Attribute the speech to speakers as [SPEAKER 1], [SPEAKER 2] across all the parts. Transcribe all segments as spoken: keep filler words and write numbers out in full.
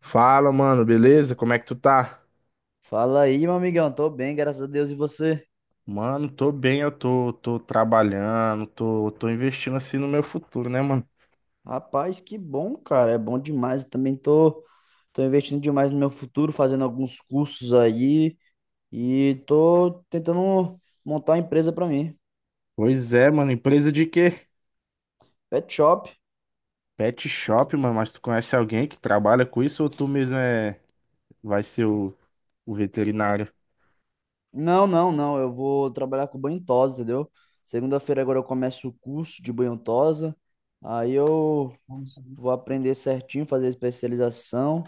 [SPEAKER 1] Fala, mano, beleza? Como é que tu tá?
[SPEAKER 2] Fala aí, meu amigão. Tô bem, graças a Deus. E você?
[SPEAKER 1] Mano, tô bem, eu tô, tô trabalhando, tô, tô investindo assim no meu futuro, né, mano?
[SPEAKER 2] Rapaz, que bom, cara. É bom demais. Eu também tô, tô investindo demais no meu futuro, fazendo alguns cursos aí e tô tentando montar uma empresa pra mim.
[SPEAKER 1] Pois é, mano, empresa de quê?
[SPEAKER 2] Pet shop.
[SPEAKER 1] Pet shop, mano, mas tu conhece alguém que trabalha com isso ou tu mesmo é, vai ser o, o veterinário?
[SPEAKER 2] Não, não, não. Eu vou trabalhar com banho e tosa, entendeu? Segunda-feira agora eu começo o curso de banho e tosa. Aí eu vou aprender certinho, fazer especialização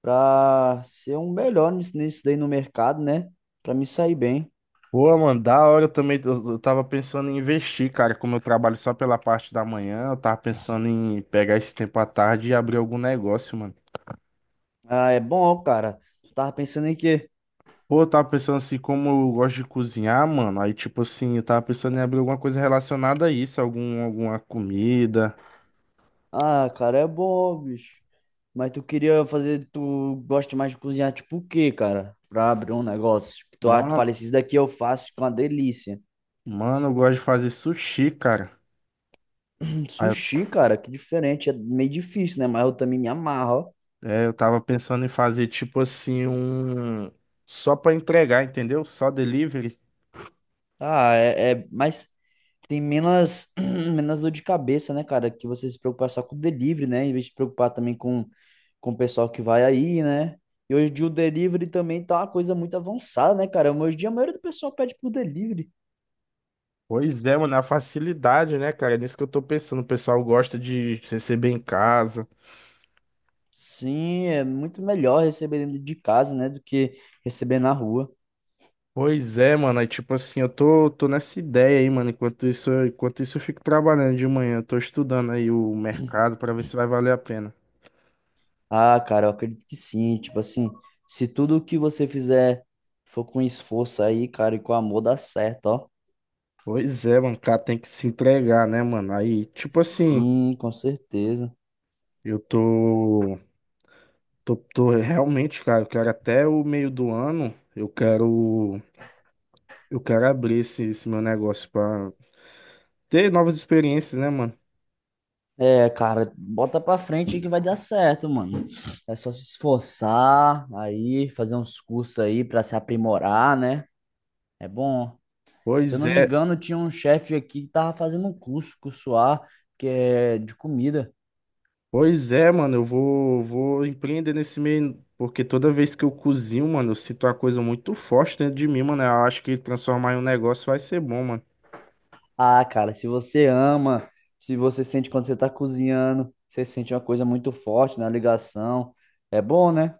[SPEAKER 2] pra ser um melhor nisso, nisso daí no mercado, né? Pra me sair bem.
[SPEAKER 1] Pô, mano, da hora eu também, eu, eu tava pensando em investir, cara, como eu trabalho só pela parte da manhã, eu tava pensando em pegar esse tempo à tarde e abrir algum negócio, mano.
[SPEAKER 2] Ah, é bom, cara. Tava pensando em quê?
[SPEAKER 1] Pô, eu tava pensando assim, como eu gosto de cozinhar, mano. Aí, tipo assim, eu tava pensando em abrir alguma coisa relacionada a isso, algum, alguma comida.
[SPEAKER 2] Ah, cara, é bom, bicho. Mas tu queria fazer, tu gosta mais de cozinhar tipo o quê, cara? Pra abrir um negócio. Que tu, ah, tu
[SPEAKER 1] Mano,
[SPEAKER 2] fala, esses daqui eu faço com uma delícia.
[SPEAKER 1] mano, eu gosto de fazer sushi, cara.
[SPEAKER 2] Hum,
[SPEAKER 1] Aí,
[SPEAKER 2] Sushi, cara, que diferente. É meio difícil, né? Mas eu também me amarro, ó.
[SPEAKER 1] eu- é, eu tava pensando em fazer, tipo assim, um. Só pra entregar, entendeu? Só delivery.
[SPEAKER 2] Ah, é, é. Mas tem menos, menos dor de cabeça, né, cara? Que você se preocupar só com o delivery, né? Em vez de se preocupar também com, com o pessoal que vai aí, né? E hoje em dia o delivery também tá uma coisa muito avançada, né, cara? Hoje em dia a maioria do pessoal pede por delivery.
[SPEAKER 1] Pois é, mano, é a facilidade, né, cara? É nisso que eu tô pensando. O pessoal gosta de receber em casa.
[SPEAKER 2] Sim, é muito melhor receber dentro de casa, né, do que receber na rua.
[SPEAKER 1] Pois é, mano. Aí, tipo assim, eu tô, tô nessa ideia aí, mano. Enquanto isso, eu- enquanto isso, eu fico trabalhando de manhã. Eu tô estudando aí o mercado pra ver se vai valer a pena.
[SPEAKER 2] Ah, cara, eu acredito que sim. Tipo assim, se tudo que você fizer for com esforço aí, cara, e com amor, dá certo, ó.
[SPEAKER 1] Pois é, mano. O cara tem que se entregar, né, mano? Aí, tipo assim,
[SPEAKER 2] Sim, com certeza.
[SPEAKER 1] eu tô, tô, tô realmente, cara, eu quero até o meio do ano, eu quero, eu quero abrir esse, esse meu negócio pra ter novas experiências, né, mano?
[SPEAKER 2] É, cara, bota pra frente que vai dar certo, mano. É só se esforçar aí, fazer uns cursos aí pra se aprimorar, né? É bom. Se eu
[SPEAKER 1] Pois
[SPEAKER 2] não me
[SPEAKER 1] é.
[SPEAKER 2] engano, tinha um chefe aqui que tava fazendo um curso, cursoar, que é de comida.
[SPEAKER 1] Pois é, mano, eu vou, vou empreender nesse meio, porque toda vez que eu cozinho, mano, eu sinto uma coisa muito forte dentro de mim, mano. Eu acho que transformar em um negócio vai ser bom, mano.
[SPEAKER 2] Ah, cara, se você ama, se você sente quando você tá cozinhando, você sente uma coisa muito forte na ligação. É bom, né?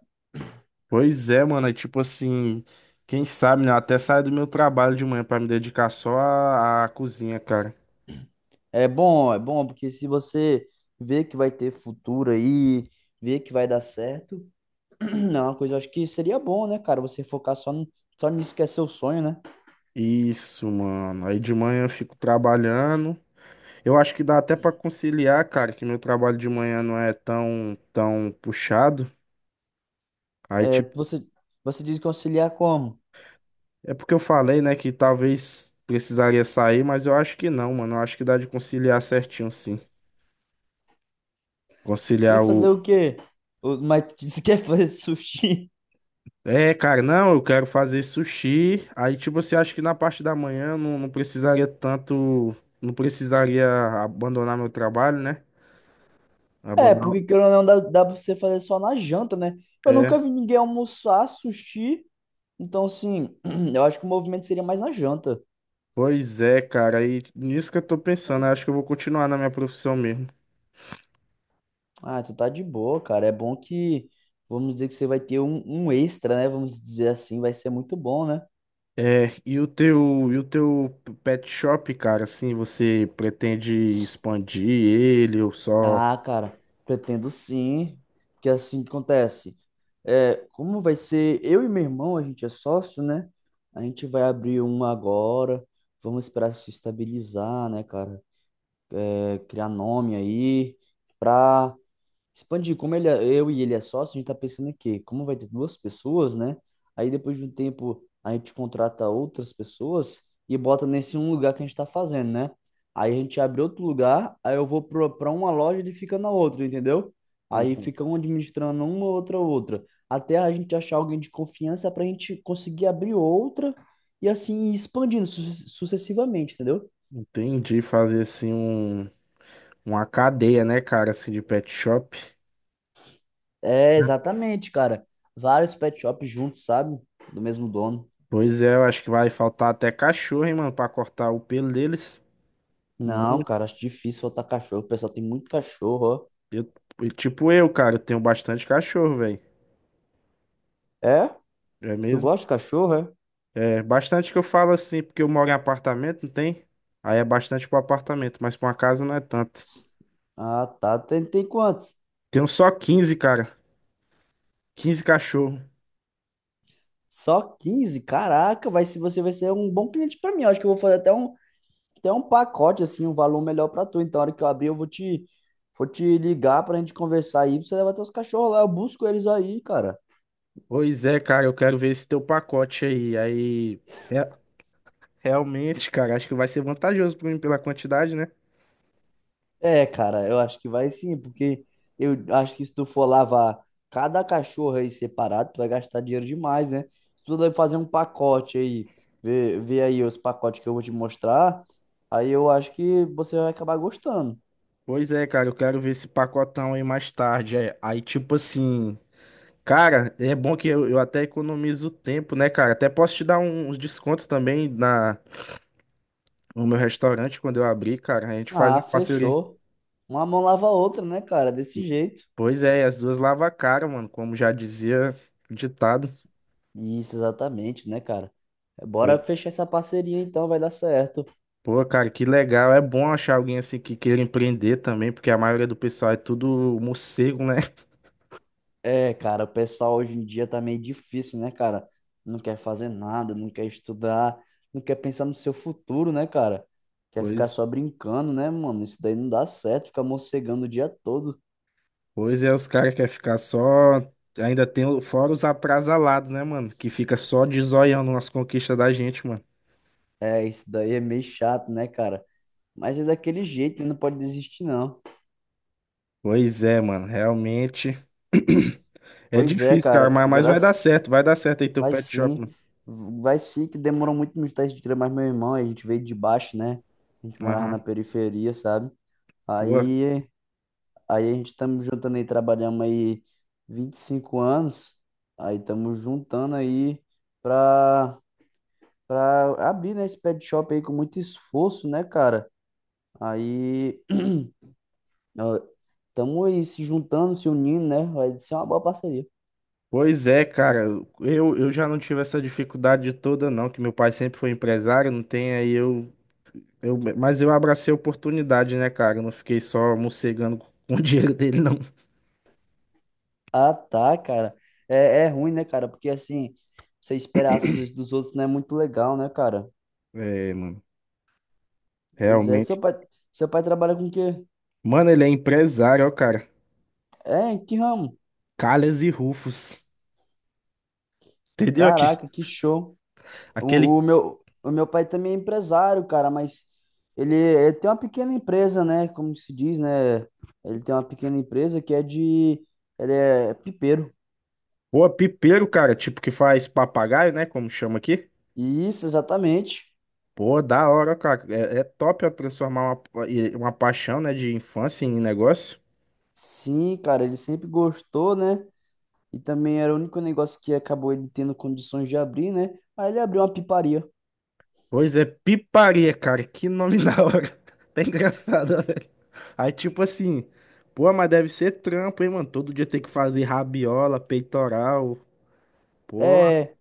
[SPEAKER 1] Pois é, mano, é tipo assim, quem sabe, né? Eu até saio do meu trabalho de manhã pra me dedicar só à, à cozinha, cara.
[SPEAKER 2] É bom, é bom, porque se você vê que vai ter futuro aí, vê que vai dar certo. Não, é uma coisa, eu acho que seria bom, né, cara, você focar só, no, só nisso que é seu sonho, né?
[SPEAKER 1] Isso, mano. Aí de manhã eu fico trabalhando. Eu acho que dá até pra conciliar, cara, que meu trabalho de manhã não é tão, tão puxado. Aí,
[SPEAKER 2] É,
[SPEAKER 1] tipo.
[SPEAKER 2] você, você diz que auxiliar como?
[SPEAKER 1] É porque eu falei, né, que talvez precisaria sair, mas eu acho que não, mano. Eu acho que dá de conciliar certinho, sim.
[SPEAKER 2] Tu quer
[SPEAKER 1] Conciliar
[SPEAKER 2] fazer
[SPEAKER 1] o.
[SPEAKER 2] o quê? O, mas tu disse que quer fazer sushi?
[SPEAKER 1] É, cara, não, eu quero fazer sushi. Aí, tipo, você acha que na parte da manhã eu não, não precisaria tanto. Não precisaria abandonar meu trabalho, né?
[SPEAKER 2] É,
[SPEAKER 1] Abandonar.
[SPEAKER 2] porque querendo ou não, dá, dá pra você fazer só na janta, né? Eu nunca
[SPEAKER 1] É.
[SPEAKER 2] vi ninguém almoçar sushi, então, assim, eu acho que o movimento seria mais na janta.
[SPEAKER 1] Pois é, cara. Aí nisso que eu tô pensando. Eu acho que eu vou continuar na minha profissão mesmo.
[SPEAKER 2] Ah, tu tá de boa, cara, é bom que, vamos dizer que você vai ter um, um extra, né? Vamos dizer assim, vai ser muito bom, né?
[SPEAKER 1] É, e o teu, e o teu pet shop, cara, assim, você pretende expandir ele ou só.
[SPEAKER 2] Ah, cara, pretendo sim, porque é assim que acontece. É, como vai ser eu e meu irmão, a gente é sócio, né? A gente vai abrir uma agora, vamos esperar se estabilizar, né, cara? É, criar nome aí, expandir, como ele, é- eu e ele é sócio, a gente tá pensando aqui, como vai ter duas pessoas, né? Aí depois de um tempo a gente contrata outras pessoas e bota nesse um lugar que a gente tá fazendo, né? Aí a gente abre outro lugar, aí eu vou pro- pra uma loja e ele fica na outra, entendeu? Aí
[SPEAKER 1] Uhum.
[SPEAKER 2] fica um administrando uma, outra, outra. Até a gente achar alguém de confiança pra gente conseguir abrir outra e assim ir expandindo su- sucessivamente, entendeu?
[SPEAKER 1] Entendi, fazer assim um, uma cadeia, né, cara, assim de pet shop.
[SPEAKER 2] É, exatamente, cara. Vários pet shops juntos, sabe? Do mesmo dono.
[SPEAKER 1] Pois é, eu acho que vai faltar até cachorro, hein, mano, pra cortar o pelo deles.
[SPEAKER 2] Não,
[SPEAKER 1] Muito.
[SPEAKER 2] cara, acho difícil soltar cachorro. O pessoal tem muito cachorro,
[SPEAKER 1] Eu- e tipo eu, cara, eu tenho bastante cachorro, velho.
[SPEAKER 2] ó. É?
[SPEAKER 1] É
[SPEAKER 2] Tu
[SPEAKER 1] mesmo?
[SPEAKER 2] gosta de cachorro, é?
[SPEAKER 1] É, bastante que eu falo assim, porque eu moro em apartamento, não tem? Aí é bastante pro apartamento, mas pra uma casa não é tanto.
[SPEAKER 2] Ah, tá. Tem, tem quantos?
[SPEAKER 1] Tenho só quinze, cara. Quinze cachorro.
[SPEAKER 2] Só quinze. Caraca, vai, se você vai ser um bom cliente pra mim. Eu acho que eu vou fazer até um, até um pacote, assim, um valor melhor pra tu. Então, na hora que eu abrir, eu vou te, vou te ligar pra gente conversar aí, pra você levar teus cachorros lá. Eu busco eles aí, cara.
[SPEAKER 1] Pois é, cara, eu quero ver esse teu pacote aí. Aí, é, realmente, cara, acho que vai ser vantajoso pra mim pela quantidade, né?
[SPEAKER 2] É, cara, eu acho que vai sim, porque eu acho que se tu for lavar cada cachorro aí separado, tu vai gastar dinheiro demais, né? Se tu vai fazer um pacote aí, ver ver aí os pacotes que eu vou te mostrar, aí eu acho que você vai acabar gostando.
[SPEAKER 1] Pois é, cara, eu quero ver esse pacotão aí mais tarde. É, aí, tipo assim, cara, é bom que eu, eu até economizo tempo, né, cara? Até posso te dar um- uns descontos também na, no meu restaurante quando eu abrir, cara. A gente faz uma
[SPEAKER 2] Ah,
[SPEAKER 1] parceria.
[SPEAKER 2] fechou. Uma mão lava a outra, né, cara? Desse
[SPEAKER 1] E-
[SPEAKER 2] jeito.
[SPEAKER 1] Pois é, as duas lavam a cara, mano, como já dizia o ditado.
[SPEAKER 2] Isso, exatamente, né, cara? Bora
[SPEAKER 1] Pois-
[SPEAKER 2] fechar essa parceria então, vai dar certo.
[SPEAKER 1] Pô, cara, que legal. É bom achar alguém assim que queira empreender também, porque a maioria do pessoal é tudo morcego, né?
[SPEAKER 2] É, cara, o pessoal hoje em dia tá meio difícil, né, cara? Não quer fazer nada, não quer estudar, não quer pensar no seu futuro, né, cara? Quer ficar
[SPEAKER 1] Pois
[SPEAKER 2] só brincando, né, mano? Isso daí não dá certo, ficar morcegando o dia todo.
[SPEAKER 1] Pois é, os caras querem ficar só. Ainda tem o- fora os atrasalados, né, mano? Que fica só de zoião nas conquistas da gente, mano.
[SPEAKER 2] É, isso daí é meio chato, né, cara? Mas é daquele jeito, né? Não pode desistir, não.
[SPEAKER 1] Pois é, mano. Realmente. É
[SPEAKER 2] Pois é,
[SPEAKER 1] difícil, cara,
[SPEAKER 2] cara,
[SPEAKER 1] mas, mas vai dar
[SPEAKER 2] graças.
[SPEAKER 1] certo. Vai dar certo aí teu
[SPEAKER 2] Vai
[SPEAKER 1] pet shop,
[SPEAKER 2] sim,
[SPEAKER 1] mano.
[SPEAKER 2] vai sim, que demorou muito nos testes de crer, mas meu irmão, a gente veio de baixo, né? A gente morava na
[SPEAKER 1] Aham.
[SPEAKER 2] periferia, sabe?
[SPEAKER 1] Pô.
[SPEAKER 2] Aí. Aí a gente estamos juntando aí, trabalhamos aí vinte e cinco anos. Aí estamos juntando aí pra, pra abrir, né, esse pet shop aí com muito esforço, né, cara? Aí estamos aí se juntando, se unindo, né? Vai ser uma boa parceria.
[SPEAKER 1] Pois é, cara. Eu, eu já não tive essa dificuldade toda, não. Que meu pai sempre foi empresário, não tem aí eu. Eu, mas eu abracei a oportunidade, né, cara? Eu não fiquei só mocegando com o dinheiro dele, não.
[SPEAKER 2] Ah, tá, cara. É, é ruim, né, cara? Porque assim, você esperar as coisas dos outros não é muito legal, né, cara?
[SPEAKER 1] É, mano.
[SPEAKER 2] Pois é, seu
[SPEAKER 1] Realmente.
[SPEAKER 2] pai, seu pai trabalha com o quê?
[SPEAKER 1] Mano, ele é empresário, ó, cara.
[SPEAKER 2] É, em que ramo?
[SPEAKER 1] Calhas e Rufos. Entendeu? Aqui,
[SPEAKER 2] Caraca, que show. O,
[SPEAKER 1] aquele.
[SPEAKER 2] o meu, o meu pai também é empresário, cara, mas ele, ele tem uma pequena empresa, né? Como se diz, né? Ele tem uma pequena empresa que é de. Ele é pipeiro.
[SPEAKER 1] Pô, pipeiro, cara. Tipo, que faz papagaio, né? Como chama aqui.
[SPEAKER 2] Isso, exatamente.
[SPEAKER 1] Pô, da hora, ó, cara. É, é top, ó, transformar uma, e- uma paixão, né? De infância em negócio.
[SPEAKER 2] Sim, cara, ele sempre gostou, né? E também era o único negócio que acabou ele tendo condições de abrir, né? Aí ele abriu uma piparia.
[SPEAKER 1] Pois é, piparia, cara. Que nome da hora. Tá engraçado, ó, velho. Aí, tipo assim. Pô, mas deve ser trampo, hein, mano? Todo dia tem que fazer rabiola, peitoral. Pô,
[SPEAKER 2] É,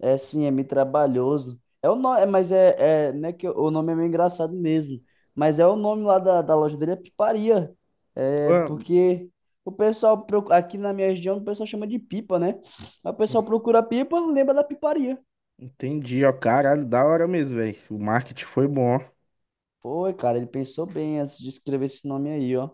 [SPEAKER 2] é sim, é meio trabalhoso. É o nome, mas é, é, né, que o nome é meio engraçado mesmo. Mas é o nome lá da, da loja dele é Piparia. É
[SPEAKER 1] pô.
[SPEAKER 2] porque o pessoal procu- aqui na minha região o pessoal chama de pipa, né? Aí o pessoal procura pipa, lembra da Piparia.
[SPEAKER 1] Entendi, ó. Caralho, da hora mesmo, velho. O marketing foi bom.
[SPEAKER 2] Foi, cara, ele pensou bem antes de escrever esse nome aí, ó.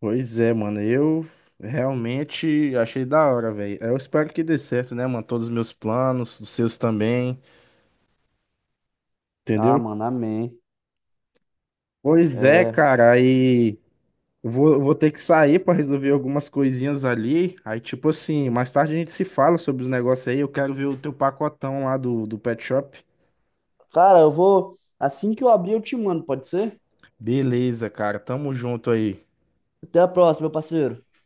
[SPEAKER 1] Pois é, mano, eu realmente achei da hora, velho. Eu espero que dê certo, né, mano? Todos os meus planos, os seus também,
[SPEAKER 2] Ah,
[SPEAKER 1] entendeu?
[SPEAKER 2] mano, amém.
[SPEAKER 1] Pois é,
[SPEAKER 2] É.
[SPEAKER 1] cara, aí eu vou, eu vou ter que sair pra resolver algumas coisinhas ali. Aí, tipo assim, mais tarde a gente se fala sobre os negócios aí. Eu quero ver o teu pacotão lá do, do Pet Shop.
[SPEAKER 2] Cara, eu vou assim que eu abrir eu te mando, pode ser?
[SPEAKER 1] Beleza, cara, tamo junto aí.
[SPEAKER 2] Até a próxima, meu parceiro.